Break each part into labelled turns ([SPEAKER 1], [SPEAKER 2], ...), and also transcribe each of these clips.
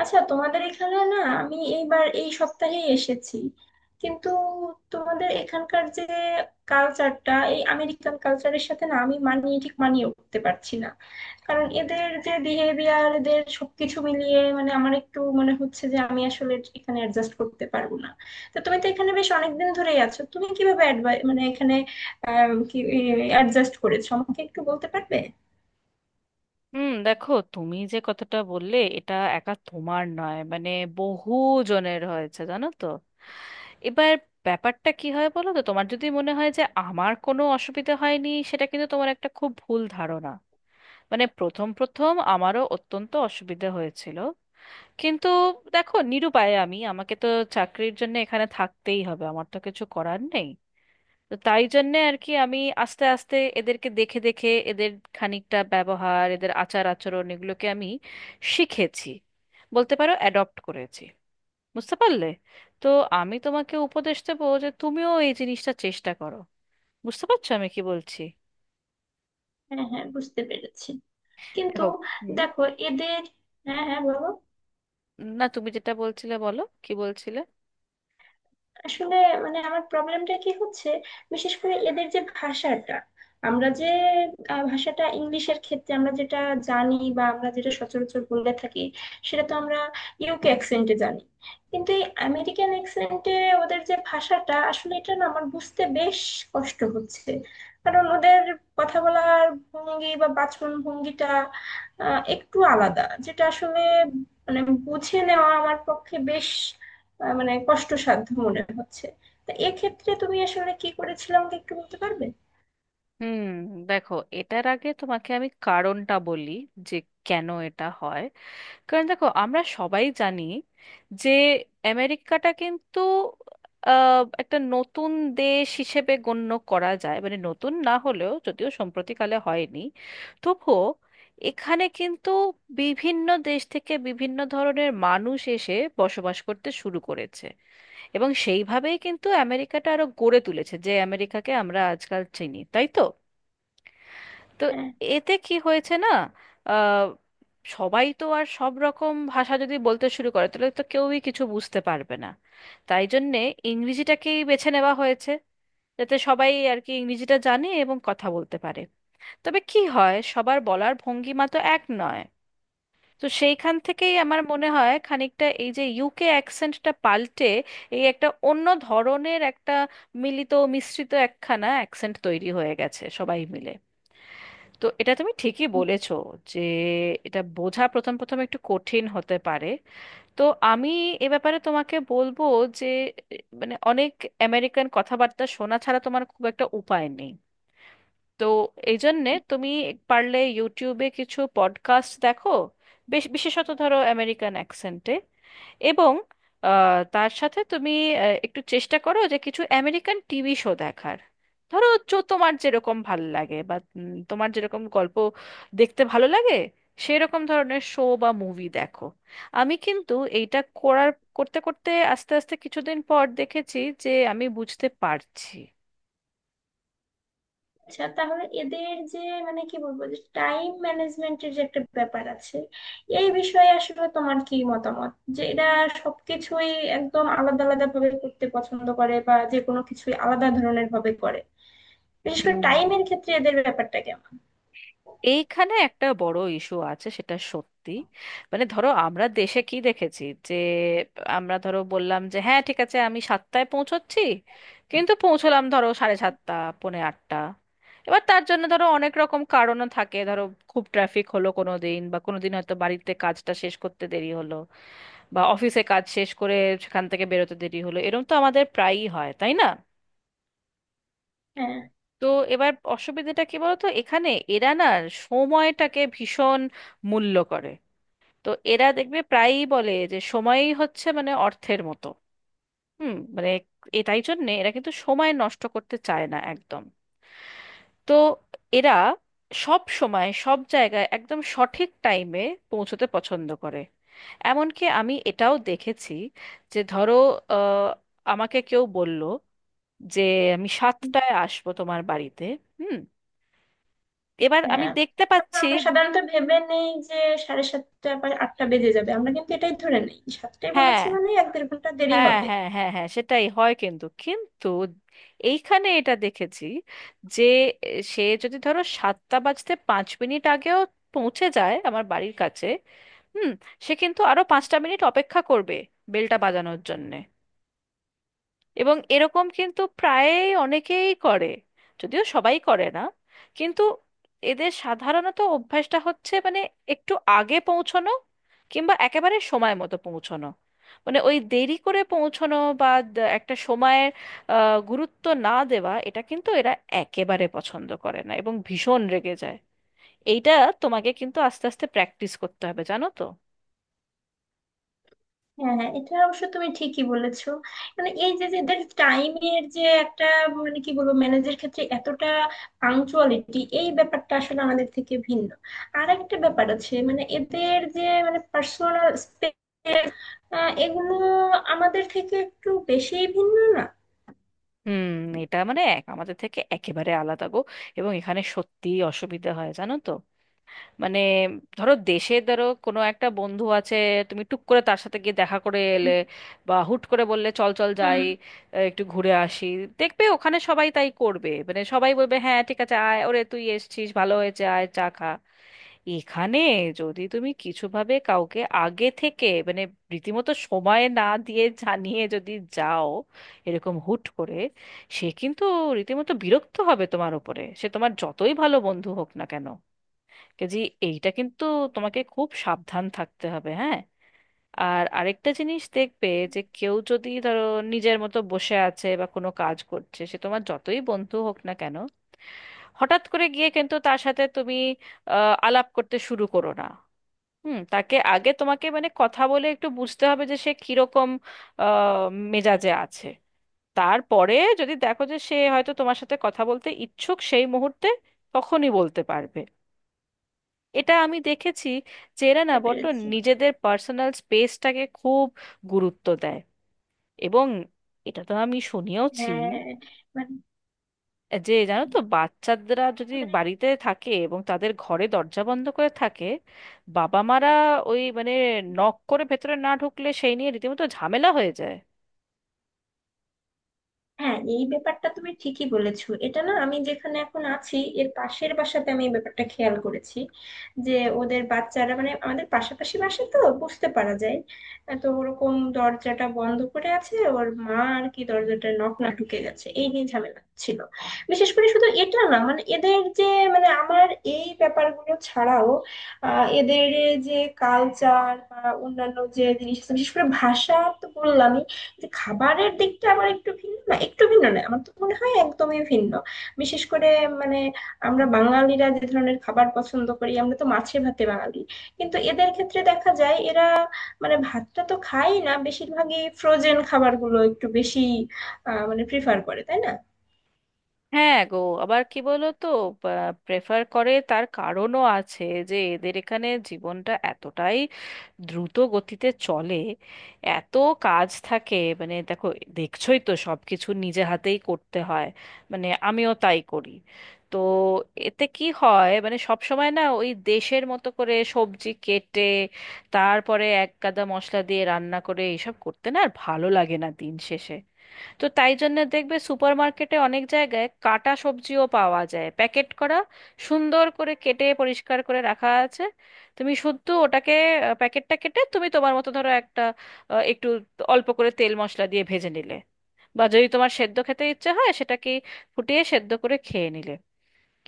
[SPEAKER 1] আচ্ছা, তোমাদের এখানে না আমি এইবার এই সপ্তাহেই এসেছি, কিন্তু তোমাদের এখানকার যে কালচারটা এই আমেরিকান কালচারের সাথে না আমি ঠিক মানিয়ে উঠতে পারছি না। কারণ এদের যে বিহেভিয়ার, এদের সবকিছু মিলিয়ে মানে আমার একটু মনে হচ্ছে যে আমি আসলে এখানে অ্যাডজাস্ট করতে পারবো না। তো তুমি তো এখানে বেশ অনেকদিন ধরেই আছো, তুমি কিভাবে advi- মানে এখানে আহ, কি অ্যাডজাস্ট করেছো আমাকে একটু বলতে পারবে?
[SPEAKER 2] হুম, দেখো, তুমি যে কথাটা বললে এটা একা তোমার নয়, মানে বহু জনের হয়েছে, জানো তো। এবার ব্যাপারটা কি হয় বলো তো, তোমার যদি মনে হয় যে আমার কোনো অসুবিধা হয়নি, সেটা কিন্তু তোমার একটা খুব ভুল ধারণা। মানে প্রথম প্রথম আমারও অত্যন্ত অসুবিধা হয়েছিল, কিন্তু দেখো, নিরুপায় আমি, আমাকে তো চাকরির জন্য এখানে থাকতেই হবে, আমার তো কিছু করার নেই। তো তাই জন্যে আর কি, আমি আস্তে আস্তে এদেরকে দেখে দেখে এদের খানিকটা ব্যবহার, এদের আচার আচরণ, এগুলোকে আমি শিখেছি, বলতে পারো অ্যাডপ্ট করেছি। বুঝতে পারলে? তো আমি তোমাকে উপদেশ দেবো যে তুমিও এই জিনিসটা চেষ্টা করো। বুঝতে পারছো আমি কি বলছি?
[SPEAKER 1] হ্যাঁ হ্যাঁ, বুঝতে পেরেছি, কিন্তু
[SPEAKER 2] দেখো। হুম।
[SPEAKER 1] দেখো এদের। হ্যাঁ হ্যাঁ, বলো।
[SPEAKER 2] না, তুমি যেটা বলছিলে বলো, কি বলছিলে?
[SPEAKER 1] আসলে মানে আমার প্রবলেমটা কি হচ্ছে, বিশেষ করে এদের যে ভাষাটা, আমরা যে ভাষাটা ইংলিশের ক্ষেত্রে আমরা যেটা জানি বা আমরা যেটা সচরাচর বলে থাকি, সেটা তো আমরা ইউকে অ্যাকসেন্টে জানি, কিন্তু এই আমেরিকান অ্যাকসেন্টে ওদের যে ভাষাটা আসলে এটা না আমার বুঝতে বেশ কষ্ট হচ্ছে। কারণ ওদের কথা বলার ভঙ্গি বা বাচন ভঙ্গিটা একটু আলাদা, যেটা আসলে মানে বুঝে নেওয়া আমার পক্ষে বেশ মানে কষ্টসাধ্য মনে হচ্ছে। তা এক্ষেত্রে তুমি আসলে কি করেছিলে আমাকে একটু বলতে পারবে?
[SPEAKER 2] হুম, দেখো, এটার আগে তোমাকে আমি কারণটা বলি, যে কেন এটা হয়। কারণ দেখো, আমরা সবাই জানি যে আমেরিকাটা কিন্তু একটা নতুন দেশ হিসেবে গণ্য করা যায়, মানে নতুন না হলেও, যদিও সম্প্রতিকালে হয়নি, তবুও এখানে কিন্তু বিভিন্ন দেশ থেকে বিভিন্ন ধরনের মানুষ এসে বসবাস করতে শুরু করেছে, এবং সেইভাবেই কিন্তু আমেরিকাটা আরো গড়ে তুলেছে, যে আমেরিকাকে আমরা আজকাল চিনি, তাই তো? তো
[SPEAKER 1] হ্যাঁ।
[SPEAKER 2] এতে কি হয়েছে না, আহ, সবাই তো আর সব রকম ভাষা যদি বলতে শুরু করে, তাহলে তো কেউই কিছু বুঝতে পারবে না। তাই জন্যে ইংরেজিটাকেই বেছে নেওয়া হয়েছে, যাতে সবাই আর কি ইংরেজিটা জানে এবং কথা বলতে পারে। তবে কি হয়, সবার বলার ভঙ্গিমা তো এক নয়। তো সেইখান থেকেই আমার মনে হয় খানিকটা এই যে ইউকে অ্যাকসেন্টটা পাল্টে এই একটা অন্য ধরনের একটা মিলিত মিশ্রিত একখানা অ্যাকসেন্ট তৈরি হয়ে গেছে সবাই মিলে। তো এটা তুমি ঠিকই বলেছো, যে এটা বোঝা প্রথম প্রথম একটু কঠিন হতে পারে। তো আমি এ ব্যাপারে তোমাকে বলবো যে মানে অনেক আমেরিকান কথাবার্তা শোনা ছাড়া তোমার খুব একটা উপায় নেই। তো এই জন্যে তুমি পারলে ইউটিউবে কিছু পডকাস্ট দেখো, বেশ বিশেষত ধরো আমেরিকান অ্যাকসেন্টে। এবং তার সাথে তুমি একটু চেষ্টা করো যে কিছু আমেরিকান টিভি শো দেখার। ধরো তোমার যেরকম ভাল লাগে, বা তোমার যেরকম গল্প দেখতে ভালো লাগে, সেরকম ধরনের শো বা মুভি দেখো। আমি কিন্তু এইটা করার, করতে করতে আস্তে আস্তে কিছুদিন পর দেখেছি যে আমি বুঝতে পারছি।
[SPEAKER 1] আচ্ছা, তাহলে এদের যে মানে কি বলবো, যে টাইম ম্যানেজমেন্টের যে একটা ব্যাপার আছে, এই বিষয়ে আসলে তোমার কি মতামত? যে এরা সবকিছুই একদম আলাদা আলাদা ভাবে করতে পছন্দ করে বা যে কোনো কিছুই আলাদা ধরনের ভাবে করে, বিশেষ করে
[SPEAKER 2] হুম,
[SPEAKER 1] টাইমের ক্ষেত্রে এদের ব্যাপারটা কেমন?
[SPEAKER 2] এইখানে একটা বড় ইস্যু আছে, সেটা সত্যি। মানে ধরো আমরা দেশে কি দেখেছি, যে আমরা ধরো বললাম যে হ্যাঁ ঠিক আছে, আমি 7টায় পৌঁছচ্ছি, কিন্তু পৌঁছলাম ধরো সাড়ে 7টা, পৌনে 8টা। এবার তার জন্য ধরো অনেক রকম কারণও থাকে, ধরো খুব ট্রাফিক হলো কোনো দিন, বা কোনো দিন হয়তো বাড়িতে কাজটা শেষ করতে দেরি হলো, বা অফিসে কাজ শেষ করে সেখান থেকে বেরোতে দেরি হলো, এরকম তো আমাদের প্রায়ই হয় তাই না।
[SPEAKER 1] হ্যাঁ।
[SPEAKER 2] তো এবার অসুবিধাটা কি বলতো, এখানে এরা না সময়টাকে ভীষণ মূল্য করে। তো এরা দেখবে প্রায়ই বলে, যে সময়ই হচ্ছে মানে অর্থের মতো। হুম, মানে এটাই জন্যে এরা কিন্তু সময় নষ্ট করতে চায় না একদম। তো এরা সব সময় সব জায়গায় একদম সঠিক টাইমে পৌঁছতে পছন্দ করে। এমনকি আমি এটাও দেখেছি, যে ধরো আহ, আমাকে কেউ বলল যে আমি 7টায় আসবো তোমার বাড়িতে। হুম, এবার আমি
[SPEAKER 1] হ্যাঁ,
[SPEAKER 2] দেখতে
[SPEAKER 1] তারপর
[SPEAKER 2] পাচ্ছি।
[SPEAKER 1] আমরা সাধারণত ভেবে নেই যে সাড়ে সাতটা বা আটটা বেজে যাবে, আমরা কিন্তু এটাই ধরে নেই সাতটায়
[SPEAKER 2] হ্যাঁ,
[SPEAKER 1] বলেছি মানে এক দেড় ঘন্টা দেরি
[SPEAKER 2] হ্যাঁ,
[SPEAKER 1] হবে।
[SPEAKER 2] হ্যাঁ, হ্যাঁ, হ্যাঁ, সেটাই হয়, কিন্তু কিন্তু এইখানে এটা দেখেছি, যে এ, সে যদি ধরো 7টা বাজতে 5 মিনিট আগেও পৌঁছে যায় আমার বাড়ির কাছে, হুম, সে কিন্তু আরো 5টা মিনিট অপেক্ষা করবে বেলটা বাজানোর জন্যে। এবং এরকম কিন্তু প্রায় অনেকেই করে, যদিও সবাই করে না। কিন্তু এদের সাধারণত অভ্যাসটা হচ্ছে মানে একটু আগে পৌঁছানো, কিংবা একেবারে সময় মতো পৌঁছানো। মানে ওই দেরি করে পৌঁছানো বা একটা সময়ের গুরুত্ব না দেওয়া এটা কিন্তু এরা একেবারে পছন্দ করে না এবং ভীষণ রেগে যায়। এইটা তোমাকে কিন্তু আস্তে আস্তে প্র্যাকটিস করতে হবে, জানো তো।
[SPEAKER 1] হ্যাঁ হ্যাঁ, এটা অবশ্য তুমি ঠিকই বলেছো। মানে এই যে যে এদের টাইমের যে একটা মানে কি বলবো, ম্যানেজের ক্ষেত্রে এতটা পাংচুয়ালিটি, এই ব্যাপারটা আসলে আমাদের থেকে ভিন্ন। আর একটা ব্যাপার আছে, মানে এদের যে মানে পার্সোনাল স্পেস, এগুলো আমাদের থেকে একটু বেশি ভিন্ন না?
[SPEAKER 2] হুম, এটা মানে এক আমাদের থেকে একেবারে আলাদা গো, এবং এখানে সত্যিই অসুবিধা হয়, জানো তো। মানে ধরো দেশে, ধরো কোনো একটা বন্ধু আছে, তুমি টুক করে তার সাথে গিয়ে দেখা করে এলে,
[SPEAKER 1] হুম।
[SPEAKER 2] বা হুট করে বললে চল চল
[SPEAKER 1] হুম,
[SPEAKER 2] যাই, একটু ঘুরে আসি। দেখবে ওখানে সবাই তাই করবে, মানে সবাই বলবে হ্যাঁ ঠিক আছে আয়, ওরে তুই এসেছিস ভালো হয়েছে, আয় চা খা। এখানে যদি তুমি কিছুভাবে কাউকে আগে থেকে, মানে রীতিমতো সময় না দিয়ে জানিয়ে যদি যাও, এরকম হুট করে, সে কিন্তু রীতিমতো বিরক্ত হবে তোমার উপরে, সে তোমার যতই ভালো বন্ধু হোক না কেন। কাজে এইটা কিন্তু তোমাকে খুব সাবধান থাকতে হবে, হ্যাঁ। আর আরেকটা জিনিস দেখবে, যে কেউ যদি ধরো নিজের মতো বসে আছে বা কোনো কাজ করছে, সে তোমার যতই বন্ধু হোক না কেন, হঠাৎ করে গিয়ে কিন্তু তার সাথে তুমি আলাপ করতে শুরু করো না। হুম, তাকে আগে তোমাকে মানে কথা বলে একটু বুঝতে হবে যে সে কিরকম আহ, মেজাজে আছে। তারপরে যদি দেখো যে সে হয়তো তোমার সাথে কথা বলতে ইচ্ছুক সেই মুহূর্তে, তখনই বলতে পারবে। এটা আমি দেখেছি, যে এরা না
[SPEAKER 1] বুঝতে
[SPEAKER 2] বড্ড
[SPEAKER 1] পেরেছি।
[SPEAKER 2] নিজেদের পার্সোনাল স্পেসটাকে খুব গুরুত্ব দেয়। এবং এটা তো আমি শুনিয়েওছি,
[SPEAKER 1] হ্যাঁ, মানে
[SPEAKER 2] যে জানো তো বাচ্চারা যদি
[SPEAKER 1] মানে।
[SPEAKER 2] বাড়িতে থাকে এবং তাদের ঘরে দরজা বন্ধ করে থাকে, বাবা মারা ওই মানে নক করে ভেতরে না ঢুকলে সেই নিয়ে রীতিমতো ঝামেলা হয়ে যায়।
[SPEAKER 1] হ্যাঁ, এই ব্যাপারটা তুমি ঠিকই বলেছো। এটা না আমি যেখানে এখন আছি এর পাশের বাসাতে আমি এই ব্যাপারটা খেয়াল করেছি। যে ওদের বাচ্চারা, মানে আমাদের পাশাপাশি বাসা তো বুঝতে পারা যায়, তো ওরকম দরজাটা বন্ধ করে আছে, ওর মা আর কি দরজাটা নক না ঢুকে গেছে, এই নিয়ে ঝামেলা ছিল। বিশেষ করে শুধু এটা না, মানে এদের যে মানে আমার এই ব্যাপারগুলো ছাড়াও আহ এদের যে কালচার বা অন্যান্য যে জিনিস আছে, বিশেষ করে ভাষা তো বললাম। কিন্তু খাবারের দিকটা আবার একটু ভিন্ন না, আমার তো মনে হয় একদমই ভিন্ন। বিশেষ করে মানে আমরা বাঙালিরা যে ধরনের খাবার পছন্দ করি, আমরা তো মাছে ভাতে বাঙালি। কিন্তু এদের ক্ষেত্রে দেখা যায় এরা মানে ভাতটা তো খায় না, বেশিরভাগই ফ্রোজেন খাবারগুলো একটু বেশি আহ মানে প্রিফার করে, তাই না?
[SPEAKER 2] হ্যাঁ গো। আবার কি বলো তো, প্রেফার করে তার কারণও আছে, যে এদের এখানে জীবনটা এতটাই দ্রুত গতিতে চলে, এত কাজ থাকে। মানে দেখো, দেখছোই তো সব কিছু নিজে হাতেই করতে হয়, মানে আমিও তাই করি। তো এতে কি হয় মানে সব সময় না ওই দেশের মতো করে সবজি কেটে, তারপরে এক গাদা মশলা দিয়ে রান্না করে এইসব করতে না আর ভালো লাগে না দিন শেষে। তো তাই জন্য দেখবে সুপারমার্কেটে অনেক জায়গায় কাটা সবজিও পাওয়া যায় প্যাকেট করা, সুন্দর করে কেটে পরিষ্কার করে রাখা আছে। তুমি শুদ্ধ ওটাকে প্যাকেটটা কেটে তুমি তোমার মতো ধরো একটা একটু অল্প করে তেল মশলা দিয়ে ভেজে নিলে, বা যদি তোমার সেদ্ধ খেতে ইচ্ছে হয় সেটাকে ফুটিয়ে সেদ্ধ করে খেয়ে নিলে।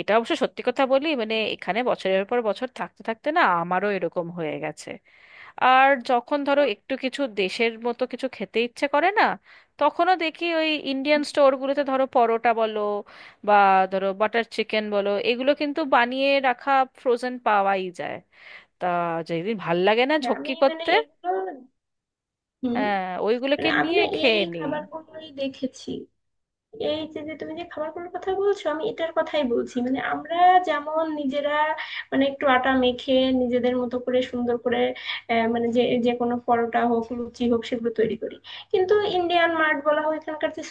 [SPEAKER 2] এটা অবশ্য সত্যি কথা বলি, মানে এখানে বছরের পর বছর থাকতে থাকতে না আমারও এরকম হয়ে গেছে। আর যখন ধরো একটু কিছু দেশের মতো কিছু খেতে ইচ্ছে করে না, তখনও দেখি ওই ইন্ডিয়ান স্টোরগুলোতে ধরো পরোটা বলো, বা ধরো বাটার চিকেন বলো, এগুলো কিন্তু বানিয়ে রাখা ফ্রোজেন পাওয়াই যায়। তা যেদিন ভাল লাগে না
[SPEAKER 1] হ্যাঁ,
[SPEAKER 2] ঝক্কি
[SPEAKER 1] আমি মানে
[SPEAKER 2] করতে,
[SPEAKER 1] এগুলো। হুম।
[SPEAKER 2] হ্যাঁ ওইগুলোকে
[SPEAKER 1] মানে আমি
[SPEAKER 2] নিয়ে
[SPEAKER 1] না এই
[SPEAKER 2] খেয়ে নিই।
[SPEAKER 1] খাবারগুলোই দেখেছি। এই যে যে তুমি যে খাবারগুলোর কথা বলছো আমি এটার কথাই বলছি। মানে আমরা যেমন নিজেরা মানে একটু আটা মেখে নিজেদের মতো করে সুন্দর করে মানে যে যে কোনো পরোটা হোক লুচি হোক সেগুলো তৈরি করি। কিন্তু ইন্ডিয়ান মার্ট বলা হয় এখানকার যে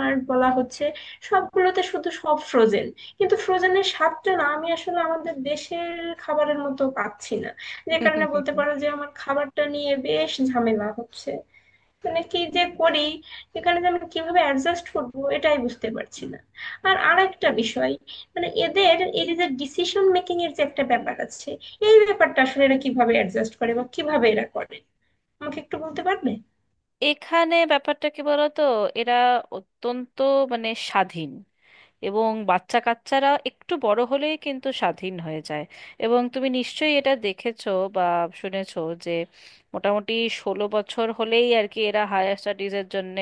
[SPEAKER 1] মার্ট বলা হচ্ছে, সবগুলোতে শুধু সব ফ্রোজেন। কিন্তু ফ্রোজেনের স্বাদটা না আমি আসলে আমাদের দেশের খাবারের মতো পাচ্ছি না। যে কারণে বলতে পারো যে আমার খাবারটা নিয়ে বেশ ঝামেলা হচ্ছে। মানে কি যে করি, এখানে যে আমি কিভাবে অ্যাডজাস্ট করব এটাই বুঝতে পারছি না। আর আরেকটা বিষয়, মানে এদের এই যে ডিসিশন মেকিং এর যে একটা ব্যাপার আছে, এই ব্যাপারটা আসলে এরা কিভাবে অ্যাডজাস্ট করে বা কিভাবে এরা করে আমাকে একটু বলতে পারবে?
[SPEAKER 2] এখানে ব্যাপারটা কি বলতো, এরা অত্যন্ত মানে স্বাধীন, এবং বাচ্চা কাচ্চারা একটু বড় হলেই কিন্তু স্বাধীন হয়ে যায়। এবং তুমি নিশ্চয়ই এটা দেখেছো বা শুনেছো, যে মোটামুটি 16 বছর হলেই আর কি এরা হায়ার স্টাডিজের জন্যে,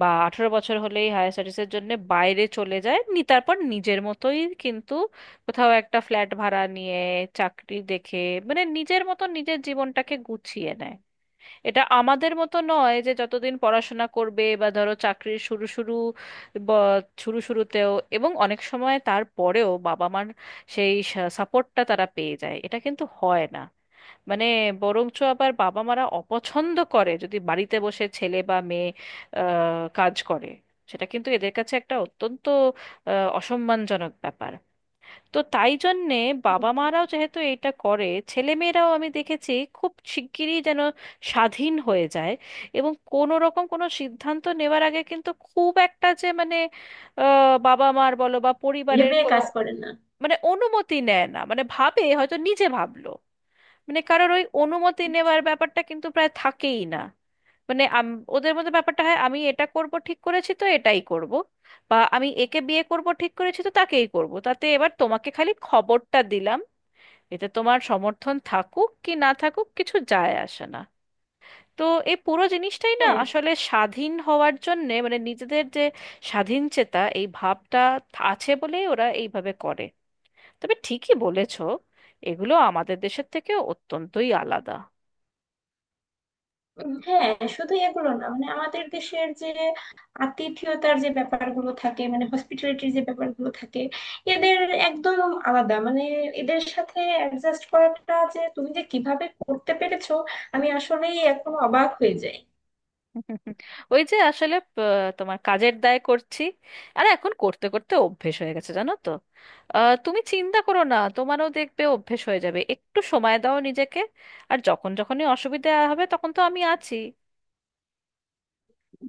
[SPEAKER 2] বা 18 বছর হলেই হায়ার স্টাডিজের জন্যে বাইরে চলে যায় নি, তারপর নিজের মতোই কিন্তু কোথাও একটা ফ্ল্যাট ভাড়া নিয়ে, চাকরি দেখে, মানে নিজের মতো নিজের জীবনটাকে গুছিয়ে নেয়। এটা আমাদের মতো নয় যে যতদিন পড়াশোনা করবে, বা ধরো চাকরির শুরু শুরু, শুরু শুরুতেও এবং অনেক সময় তারপরেও বাবা মার সেই সাপোর্টটা তারা পেয়ে যায়, এটা কিন্তু হয় না। মানে বরঞ্চ আবার বাবা মারা অপছন্দ করে যদি বাড়িতে বসে ছেলে বা মেয়ে কাজ করে, সেটা কিন্তু এদের কাছে একটা অত্যন্ত অসম্মানজনক ব্যাপার। তো তাই জন্যে বাবা মারাও যেহেতু এটা করে, ছেলে মেয়েরাও আমি দেখেছি খুব শিগগিরই যেন স্বাধীন হয়ে যায়। এবং কোনো রকম কোনো সিদ্ধান্ত নেওয়ার আগে কিন্তু খুব একটা যে মানে বাবা মার বলো বা পরিবারের
[SPEAKER 1] ভেবে
[SPEAKER 2] কোনো
[SPEAKER 1] কাজ করে না।
[SPEAKER 2] মানে অনুমতি নেয় না, মানে ভাবে হয়তো নিজে ভাবলো, মানে কারোর ওই অনুমতি নেওয়ার ব্যাপারটা কিন্তু প্রায় থাকেই না। মানে ওদের মধ্যে ব্যাপারটা হয় আমি এটা করব ঠিক করেছি তো এটাই করব, বা আমি একে বিয়ে করব ঠিক করেছি তো তাকেই করব, তাতে এবার তোমাকে খালি খবরটা দিলাম। এতে তোমার সমর্থন থাকুক কি না থাকুক কিছু যায় আসে না। তো এই পুরো জিনিসটাই না
[SPEAKER 1] হ্যাঁ
[SPEAKER 2] আসলে স্বাধীন হওয়ার জন্যে, মানে নিজেদের যে স্বাধীন চেতা এই ভাবটা আছে বলেই ওরা এইভাবে করে। তবে ঠিকই বলেছো, এগুলো আমাদের দেশের থেকে অত্যন্তই আলাদা।
[SPEAKER 1] হ্যাঁ, শুধু এগুলো না, মানে আমাদের দেশের যে আতিথেয়তার যে ব্যাপারগুলো থাকে, মানে হসপিটালিটির যে ব্যাপারগুলো থাকে, এদের একদম আলাদা। মানে এদের সাথে অ্যাডজাস্ট করাটা যে তুমি যে কিভাবে করতে পেরেছো, আমি আসলেই এখন অবাক হয়ে যাই।
[SPEAKER 2] ওই যে আসলে তোমার কাজের দায় করছি, আর এখন করতে করতে অভ্যেস হয়ে গেছে, জানো তো। তুমি চিন্তা করো না, তোমারও দেখবে অভ্যেস হয়ে যাবে, একটু সময় দাও নিজেকে। আর যখন যখনই অসুবিধা হবে তখন তো আমি আছি।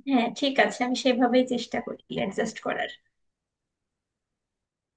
[SPEAKER 1] হ্যাঁ ঠিক আছে, আমি সেভাবেই চেষ্টা করি অ্যাডজাস্ট করার।